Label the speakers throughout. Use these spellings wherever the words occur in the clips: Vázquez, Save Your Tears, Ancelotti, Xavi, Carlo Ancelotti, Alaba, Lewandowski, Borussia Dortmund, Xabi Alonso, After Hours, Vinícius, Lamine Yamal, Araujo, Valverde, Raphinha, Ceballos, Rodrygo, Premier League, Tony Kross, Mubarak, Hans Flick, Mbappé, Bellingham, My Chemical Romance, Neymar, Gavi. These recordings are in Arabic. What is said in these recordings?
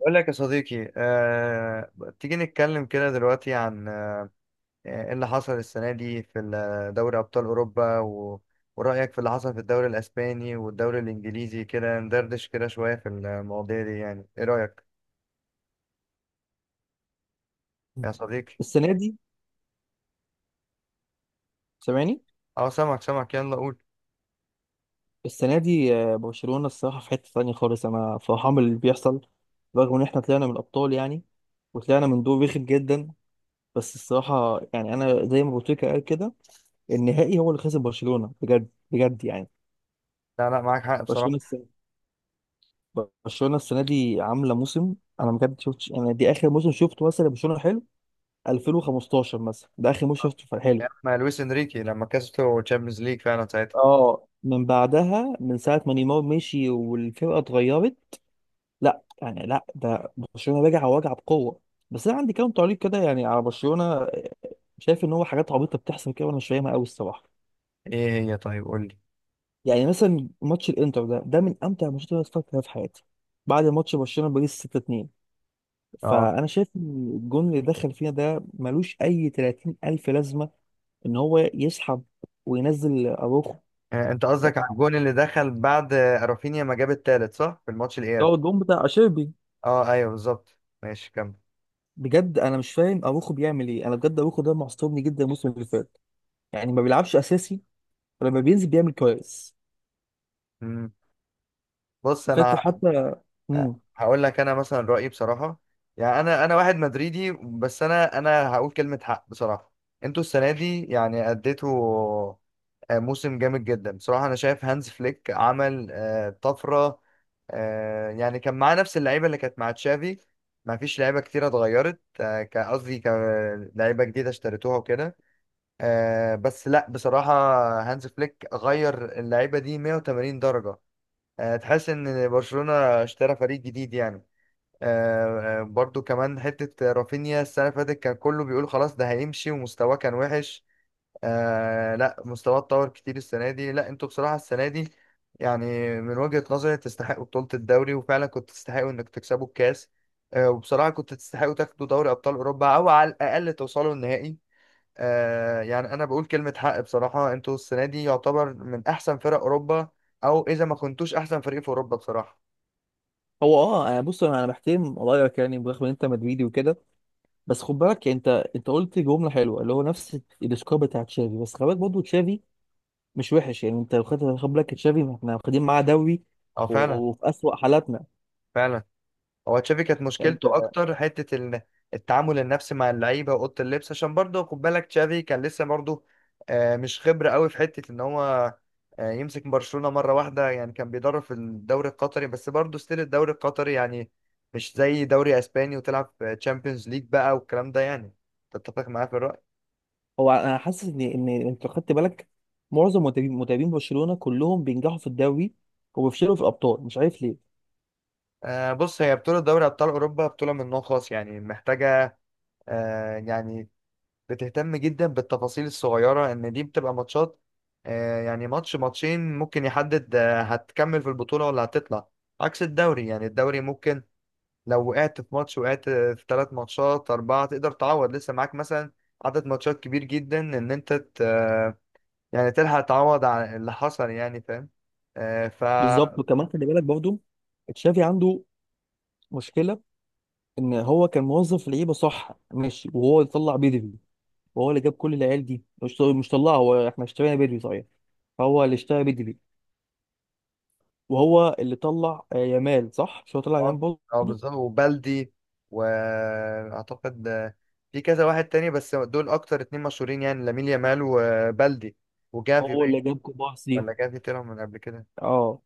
Speaker 1: بقول لك يا صديقي، تيجي نتكلم كده دلوقتي عن ايه اللي حصل السنة دي في دوري أبطال أوروبا ورأيك في اللي حصل في الدوري الأسباني والدوري الإنجليزي، كده ندردش كده شوية في المواضيع دي. يعني ايه رأيك يا صديقي؟
Speaker 2: السنة دي سامعني.
Speaker 1: اه، سامعك سامعك، يلا قول.
Speaker 2: السنة دي برشلونة الصراحة في حتة تانية خالص، أنا فرحان باللي بيحصل، رغم إن إحنا طلعنا من الأبطال يعني، وطلعنا من دور رخم جدا. بس الصراحة يعني أنا زي ما بوتيكا قال كده، النهائي هو اللي خسر برشلونة بجد بجد يعني.
Speaker 1: لا لا، معاك حق بصراحة.
Speaker 2: برشلونة السنة برشلونة السنة دي عاملة موسم. أنا بجد شفتش، أنا دي آخر موسم شفته مثلا برشلونة حلو، 2015 مثلا ده آخر موسم شفته حلو.
Speaker 1: يا ما لويس انريكي لما كسبته تشامبيونز ليج فعلا ساعتها.
Speaker 2: اه، من بعدها من ساعة ما نيمار مشي والفرقة اتغيرت. لا يعني لا، ده برشلونه راجع وراجع بقوه. بس انا عندي كام تعليق كده يعني على برشلونه، شايف ان هو حاجات عبيطه بتحصل كده وانا مش فاهمها قوي الصراحه.
Speaker 1: ايه هي؟ طيب قول لي.
Speaker 2: يعني مثلا ماتش الانتر، ده من امتع الماتشات اللي اتفرجت عليها في حياتي بعد ماتش برشلونه باريس 6-2.
Speaker 1: اه،
Speaker 2: فانا شايف إن الجون اللي دخل فينا ده ملوش اي 30 الف لازمه، ان هو يسحب وينزل اروخو
Speaker 1: انت
Speaker 2: يعني.
Speaker 1: قصدك على الجون اللي دخل بعد رافينيا ما جاب التالت؟ صح، في الماتش
Speaker 2: ده
Speaker 1: الإياب.
Speaker 2: هو الجون بتاع اشيربي.
Speaker 1: اه ايوه، بالظبط. ماشي، كمل.
Speaker 2: بجد انا مش فاهم اروخو بيعمل ايه، انا بجد اروخو ده معصبني جدا الموسم اللي فات، يعني ما بيلعبش اساسي ولما بينزل بيعمل كويس.
Speaker 1: مم. بص،
Speaker 2: فاكر
Speaker 1: انا
Speaker 2: حتى. امم
Speaker 1: هقول لك انا مثلا رايي بصراحه. يعني انا واحد مدريدي، بس انا هقول كلمه حق بصراحه. انتوا السنه دي يعني اديتوا موسم جامد جدا بصراحه. انا شايف هانز فليك عمل طفره. يعني كان معاه نفس اللعيبه اللي كانت مع تشافي. ما فيش لعيبه كتيره اتغيرت. قصدي لعيبه جديده اشتريتوها وكده. بس لا بصراحة، هانز فليك غير اللعيبة دي 180 درجة. تحس ان برشلونة اشترى فريق جديد يعني. برضو كمان حتة رافينيا السنة اللي فاتت كان كله بيقول خلاص ده هيمشي ومستواه كان وحش. لا، مستواه اتطور كتير السنة دي. لا انتوا بصراحة السنة دي يعني، من وجهة نظري تستحقوا بطولة الدوري، وفعلا كنت تستحقوا انك تكسبوا الكاس. وبصراحة كنت تستحقوا تاخدوا دوري أبطال أوروبا، أو على الأقل توصلوا النهائي. يعني انا بقول كلمة حق بصراحة، انتوا السنة دي يعتبر من احسن فرق اوروبا، او اذا ما كنتوش احسن فريق في اوروبا بصراحة.
Speaker 2: هو اه انا بص انا بحترم رايك يعني، برغم ان انت مدريدي وكده. بس خد بالك يعني، انت قلت جمله حلوه اللي هو نفس السكور بتاع تشافي، بس خد بالك برضه تشافي مش وحش يعني. انت لو خدت، خد بالك، تشافي احنا واخدين معاه دوري،
Speaker 1: اه،
Speaker 2: و-
Speaker 1: فعلا
Speaker 2: وفي اسوأ حالاتنا
Speaker 1: فعلا. هو تشافي كانت
Speaker 2: يعني.
Speaker 1: مشكلته
Speaker 2: انت،
Speaker 1: اكتر حتة التعامل النفسي مع اللعيبة واوضة اللبس، عشان برضه خد بالك تشافي كان لسه برضه مش خبرة قوي في حتة ان هو يمسك برشلونة مرة واحدة. يعني كان بيدرب في الدوري القطري، بس برضه ستيل الدوري القطري يعني مش زي دوري اسباني، وتلعب تشامبيونز ليج بقى والكلام ده يعني. تتفق معايا في الرأي؟
Speaker 2: هو انا حاسس ان انت لو خدت بالك، معظم مدربين برشلونه كلهم بينجحوا في الدوري وبيفشلوا في الابطال، مش عارف ليه.
Speaker 1: بص، هي بطولة دوري أبطال أوروبا بطولة من نوع خاص، يعني محتاجة يعني بتهتم جدا بالتفاصيل الصغيرة. إن دي بتبقى ماتشات، يعني ماتش ماتشين ممكن يحدد هتكمل في البطولة ولا هتطلع. عكس الدوري، يعني الدوري ممكن لو وقعت في ماتش، وقعت في ثلاث ماتشات أربعة، تقدر تعوض لسه معاك مثلا عدد ماتشات كبير جدا، إن أنت يعني تلحق تعوض على اللي حصل، يعني فاهم. آه، ف
Speaker 2: بالظبط، وكمان خلي بالك برضه، تشافي عنده مشكله، ان هو كان موظف لعيبه صح ماشي، وهو اللي طلع بدري، وهو اللي جاب كل العيال دي. مش طلعها هو، احنا اشترينا بدري صحيح، فهو اللي اشترى بدري، وهو اللي طلع يامال. صح مش هو طلع يامال
Speaker 1: اه اه،
Speaker 2: برضه؟
Speaker 1: بالظبط وبلدي. واعتقد في كذا واحد تاني بس دول اكتر اتنين مشهورين، يعني لامين يامال وبلدي وجافي
Speaker 2: وهو
Speaker 1: باين.
Speaker 2: اللي جاب كوبارسي.
Speaker 1: ولا جافي طلع من قبل كده؟
Speaker 2: اه.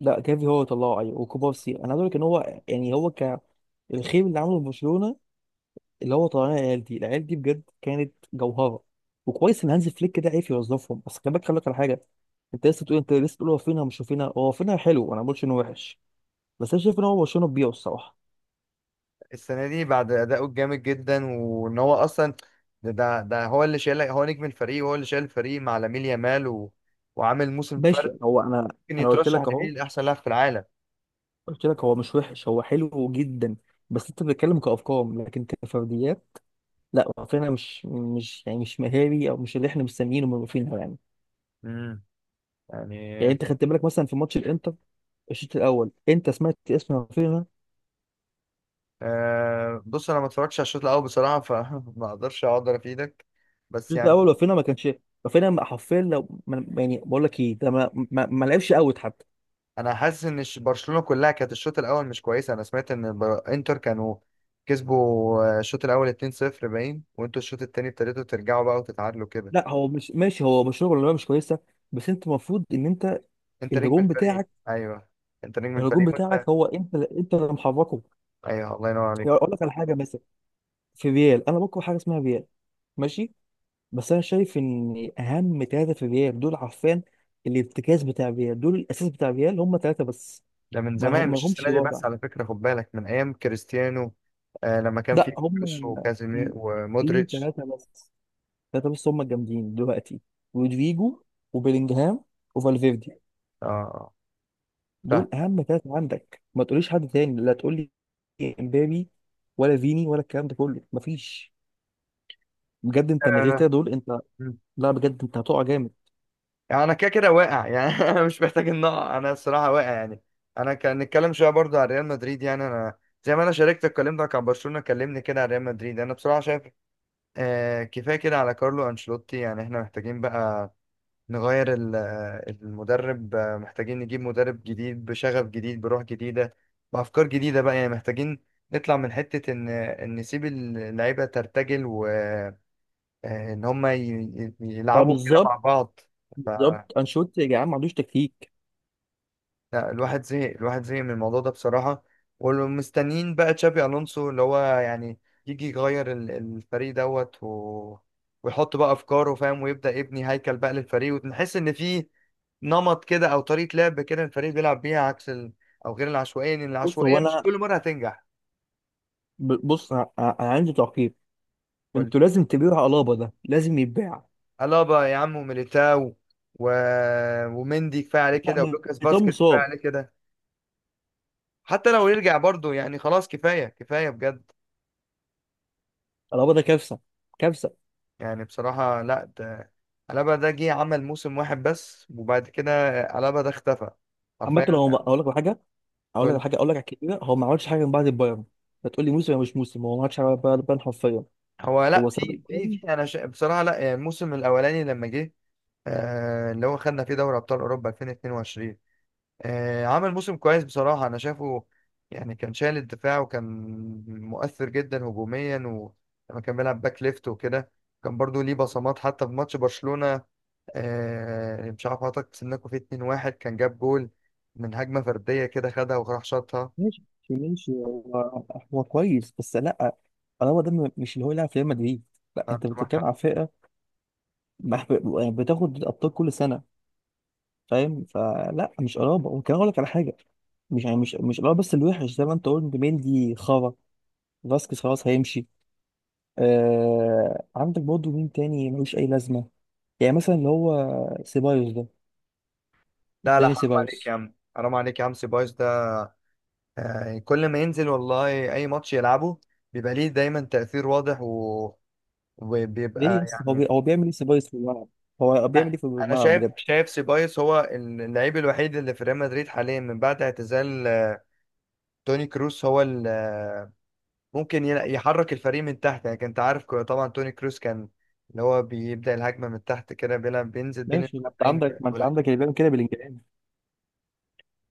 Speaker 2: لا جافي هو اللي طلعه ايوه، وكوبارسي. انا عايز اقول لك ان هو يعني هو، ك الخير اللي عمله في برشلونه اللي هو طلعنا العيال دي، العيال دي بجد كانت جوهره، وكويس ان هانز فليك ده عرف يوظفهم. بس خلي بالك، خلي بالك على حاجه: انت لسه بتقول، انت لسه بتقول هو فينها، مش هو فينها، هو فينها حلو، انا ما بقولش انه وحش، بس انا شايف ان هو برشلونه بيبيعه الصراحه.
Speaker 1: السنه دي بعد اداؤه الجامد جدا، وان هو اصلا ده هو اللي شايل، هو نجم الفريق وهو اللي شايل الفريق مع لامين يامال وعامل موسم
Speaker 2: ماشي.
Speaker 1: فرد.
Speaker 2: هو انا،
Speaker 1: ممكن
Speaker 2: انا قلت
Speaker 1: يترشح
Speaker 2: لك اهو،
Speaker 1: لبيه لاحسن لاعب في العالم.
Speaker 2: قلت لك هو مش وحش هو حلو جدا، بس انت بتتكلم كارقام لكن كفرديات. لا رافينيا مش يعني مش مهاري، او مش اللي احنا مستنيينه من رافينيا يعني.
Speaker 1: امم يعني
Speaker 2: يعني انت خدت بالك مثلا في ماتش الانتر الشوط الاول، انت سمعت اسم رافينيا؟
Speaker 1: بص انا ما اتفرجتش على الشوط الاول بصراحه، فما اقدرش اقدر افيدك. بس
Speaker 2: الشوط الاول
Speaker 1: يعني
Speaker 2: رافينيا ما كانش. رافينيا حرفيا، لو ما- يعني بقول لك ايه ده، ما لعبش اوت حتى.
Speaker 1: انا حاسس ان برشلونه كلها كانت الشوط الاول مش كويسه. انا سمعت ان انتر كانوا كسبوا الشوط الاول 2-0 باين، وانتوا الشوط التاني ابتديتوا ترجعوا بقى وتتعادلوا كده.
Speaker 2: لا هو مش ماشي، هو مش شغل ولا مش كويسه، بس انت المفروض ان انت،
Speaker 1: انت نجم
Speaker 2: الهجوم
Speaker 1: الفريق،
Speaker 2: بتاعك،
Speaker 1: ايوه. انت نجم
Speaker 2: الهجوم
Speaker 1: الفريق
Speaker 2: بتاعك
Speaker 1: وانت.
Speaker 2: هو انت اللي محركه.
Speaker 1: ايوه، الله ينور
Speaker 2: يعني
Speaker 1: عليك.
Speaker 2: اقول لك على حاجه مثلا، في ريال، انا بكره حاجه اسمها ريال ماشي، بس انا شايف ان اهم ثلاثه في ريال دول، عارفين الارتكاز بتاع ريال دول، الاساس بتاع ريال هم ثلاثه بس.
Speaker 1: ده من
Speaker 2: ما
Speaker 1: زمان
Speaker 2: هم ما
Speaker 1: مش
Speaker 2: لهمش
Speaker 1: السنه دي
Speaker 2: رابع.
Speaker 1: بس، على فكره خد بالك، من ايام كريستيانو. لما كان
Speaker 2: لا
Speaker 1: في
Speaker 2: هم
Speaker 1: كروس وكازيمير
Speaker 2: في
Speaker 1: ومودريتش.
Speaker 2: ثلاثه بس، ثلاثه بس هم الجامدين دلوقتي: رودريجو وبيلينجهام وفالفيردي.
Speaker 1: اه،
Speaker 2: دول اهم ثلاثه عندك، ما تقوليش حد تاني، لا تقول لي امبابي ولا فيني ولا الكلام ده كله، مفيش. بجد انت من غير
Speaker 1: فاهم.
Speaker 2: كده دول، انت، لا بجد انت هتقع جامد.
Speaker 1: يعني انا كده كده واقع، يعني انا مش محتاج ان اقع، انا الصراحه واقع يعني. انا كان نتكلم شويه برضو على ريال مدريد، يعني انا زي ما انا شاركتك، كلمتك عن برشلونه كلمني كده على ريال مدريد. انا بصراحه شايف كفايه كده على كارلو انشيلوتي. يعني احنا محتاجين بقى نغير المدرب. محتاجين نجيب مدرب جديد بشغف جديد، بروح جديده، بافكار جديده بقى. يعني محتاجين نطلع من حته ان نسيب اللعيبه ترتجل، وان هم
Speaker 2: لا
Speaker 1: يلعبوا كده مع
Speaker 2: بالظبط،
Speaker 1: بعض.
Speaker 2: بالظبط انشيلوتي يا جدعان ما عندوش تكتيك.
Speaker 1: لا، الواحد زهق، الواحد زهق من الموضوع ده بصراحة. ومستنيين بقى تشابي ألونسو، اللي هو يعني يجي يغير الفريق دوت ويحط بقى أفكاره فاهم، ويبدأ يبني هيكل بقى للفريق، ونحس إن في نمط كده أو طريقة لعب كده الفريق بيلعب بيها، عكس أو غير العشوائية، لأن
Speaker 2: بص هو
Speaker 1: العشوائية مش
Speaker 2: انا
Speaker 1: كل مرة هتنجح.
Speaker 2: بص انا عندي تعقيب.
Speaker 1: قول.
Speaker 2: انتوا لازم تبيعوا الابا، ده لازم يتباع.
Speaker 1: ألابا يا عم، وميليتاو و... ومندي كفاية عليه
Speaker 2: لا
Speaker 1: كده، ولوكاس
Speaker 2: ميتان
Speaker 1: باسكت كفاية
Speaker 2: مصاب.
Speaker 1: عليه كده. حتى لو يرجع برضه يعني خلاص، كفاية كفاية بجد.
Speaker 2: الابا ده كارثه، كارثه.
Speaker 1: يعني بصراحة لا، ده ألابا ده جه عمل موسم واحد بس، وبعد كده ألابا ده اختفى
Speaker 2: عامه،
Speaker 1: حرفيا.
Speaker 2: لو ما- اقول لك على حاجه، اقول لك على
Speaker 1: قول-
Speaker 2: حاجه، اقول لك على كده، هو ما عملش حاجه من بعد البايرن. هتقول لي موسم ولا مش موسم؟ هو ما عملش حاجه من بعد البايرن حرفيا،
Speaker 1: هو لا،
Speaker 2: هو ساب
Speaker 1: في في
Speaker 2: البايرن.
Speaker 1: في بصراحة لا، يعني الموسم الأولاني لما جه اللي هو خدنا فيه دوري أبطال أوروبا 2022. عمل موسم كويس بصراحة أنا شايفه. يعني كان شايل الدفاع، وكان مؤثر جدا هجوميا، ولما كان بيلعب باك ليفت وكده كان برضو ليه بصمات، حتى في ماتش برشلونة مش عارف حضرتك سنكو، في 2-1 كان جاب جول من هجمة فردية كده، خدها وراح شاطها.
Speaker 2: ماشي. ماشي هو كويس بس لا، الابا ده مش اللي هو يلعب في ريال مدريد. لا انت
Speaker 1: فأنت معاك
Speaker 2: بتتكلم
Speaker 1: حق.
Speaker 2: على فرقه، يعني بتاخد الابطال كل سنه فاهم، فلا مش قرابه. وكان اقول لك على حاجه، مش يعني مش قرابه، بس الوحش زي ما انت قلت مندي خرا، فاسكيز خلاص هيمشي. آه، عندك برضه مين تاني ملوش اي لازمه؟ يعني مثلا اللي هو سيبايوس ده،
Speaker 1: لا لا،
Speaker 2: داني
Speaker 1: حرام عليك يا
Speaker 2: سيبايوس.
Speaker 1: عم، حرام عليك يا عم، سيبايوس ده كل ما ينزل والله أي ماتش يلعبه بيبقى ليه دايما تأثير واضح
Speaker 2: ليه يا
Speaker 1: وبيبقى
Speaker 2: اسطى، هو
Speaker 1: يعني.
Speaker 2: هو بيعمل ايه سيبايوس في الملعب؟ هو بيعمل ايه في
Speaker 1: أنا
Speaker 2: الملعب
Speaker 1: شايف
Speaker 2: بجد؟
Speaker 1: شايف سيبايوس هو اللعيب الوحيد اللي في ريال مدريد حاليا من بعد اعتزال توني كروس. هو ممكن يحرك الفريق من تحت. يعني كنت عارف، طبعا توني كروس كان اللي هو بيبدأ الهجمة من تحت كده، بيلعب بينزل بين
Speaker 2: ماشي، ما انت
Speaker 1: المدافعين.
Speaker 2: عندك، ما انت عندك اللي بيعمل كده بلينجهام.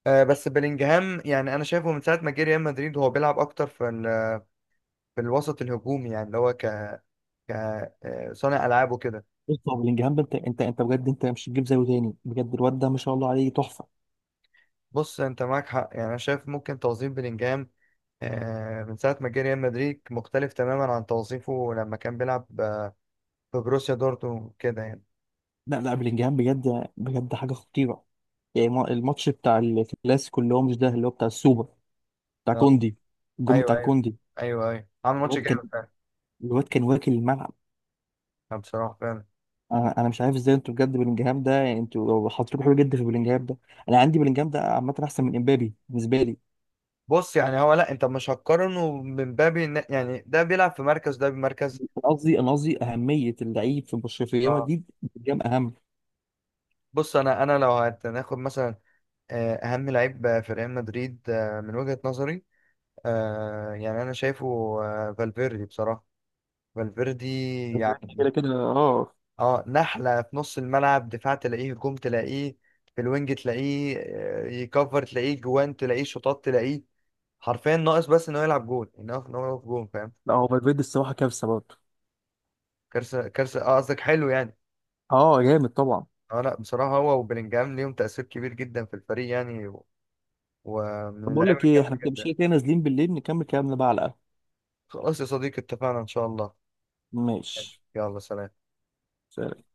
Speaker 1: بس بلينجهام يعني انا شايفه من ساعة ما جه ريال مدريد هو بيلعب اكتر في في الوسط الهجومي، يعني اللي هو ك ك آه، صانع العاب وكده.
Speaker 2: بص هو بلينجهام ده انت، انت بجد انت مش هتجيب زيه تاني بجد، الواد ده ما شاء الله عليه تحفه.
Speaker 1: بص انت معاك حق، يعني انا شايف ممكن توظيف بلينجهام من ساعة ما جه ريال مدريد مختلف تماما عن توظيفه لما كان بيلعب في بروسيا دورتموند كده يعني.
Speaker 2: لا لا، بلينجهام بجد بجد حاجه خطيره. يعني الماتش بتاع الكلاسيكو، اللي هو مش ده، اللي هو بتاع السوبر بتاع
Speaker 1: آه،
Speaker 2: كوندي، الجون بتاع
Speaker 1: ايوه ايوه،
Speaker 2: كوندي،
Speaker 1: ايوه ايوه، عامل ماتش
Speaker 2: الواد كان
Speaker 1: جامد فعلا.
Speaker 2: الواد كان واكل الملعب.
Speaker 1: بصراحة فعلا.
Speaker 2: انا مش عارف ازاي انتوا، بجد بلينجهام ده يعني انتوا حاطين حلو جدا في بلينجهام ده. انا عندي بلينجهام ده عامه احسن من امبابي بالنسبه لي.
Speaker 1: بص يعني هو لا، انت مش هتقارنه من باب يعني ده بيلعب في مركز، ده بمركز.
Speaker 2: أنا قصدي انا قصدي اهميه اللعيب في برشلونه في ريال
Speaker 1: اه،
Speaker 2: مدريد، بلينجهام اهم.
Speaker 1: بص انا لو هناخد مثلا اهم لعيب في ريال مدريد، من وجهة نظري، يعني انا شايفه، فالفيردي بصراحة. فالفيردي يعني
Speaker 2: كده كده اه.
Speaker 1: اه، نحلة في نص الملعب، دفاع تلاقيه، هجوم تلاقيه، في الوينج تلاقيه، يكفر تلاقيه، جوان تلاقيه، شوطات تلاقيه. حرفيا ناقص بس انه يلعب جول، انه إن هو يقف جون، فاهم.
Speaker 2: لا هو فالفيردي الصراحه كارثه برضه.
Speaker 1: كارثة كارثة، اه قصدك حلو يعني.
Speaker 2: اه جامد طبعا.
Speaker 1: اه لا بصراحة، هو وبلينجهام ليهم تأثير كبير جدا في الفريق يعني ومن
Speaker 2: طب بقول لك
Speaker 1: اللعيبة
Speaker 2: ايه،
Speaker 1: الجامدة
Speaker 2: احنا مش
Speaker 1: جدا.
Speaker 2: كده كده نازلين بالليل نكمل كلامنا بقى على القهوه.
Speaker 1: خلاص يا صديقي اتفقنا إن شاء الله.
Speaker 2: ماشي،
Speaker 1: يلا سلام.
Speaker 2: سلام.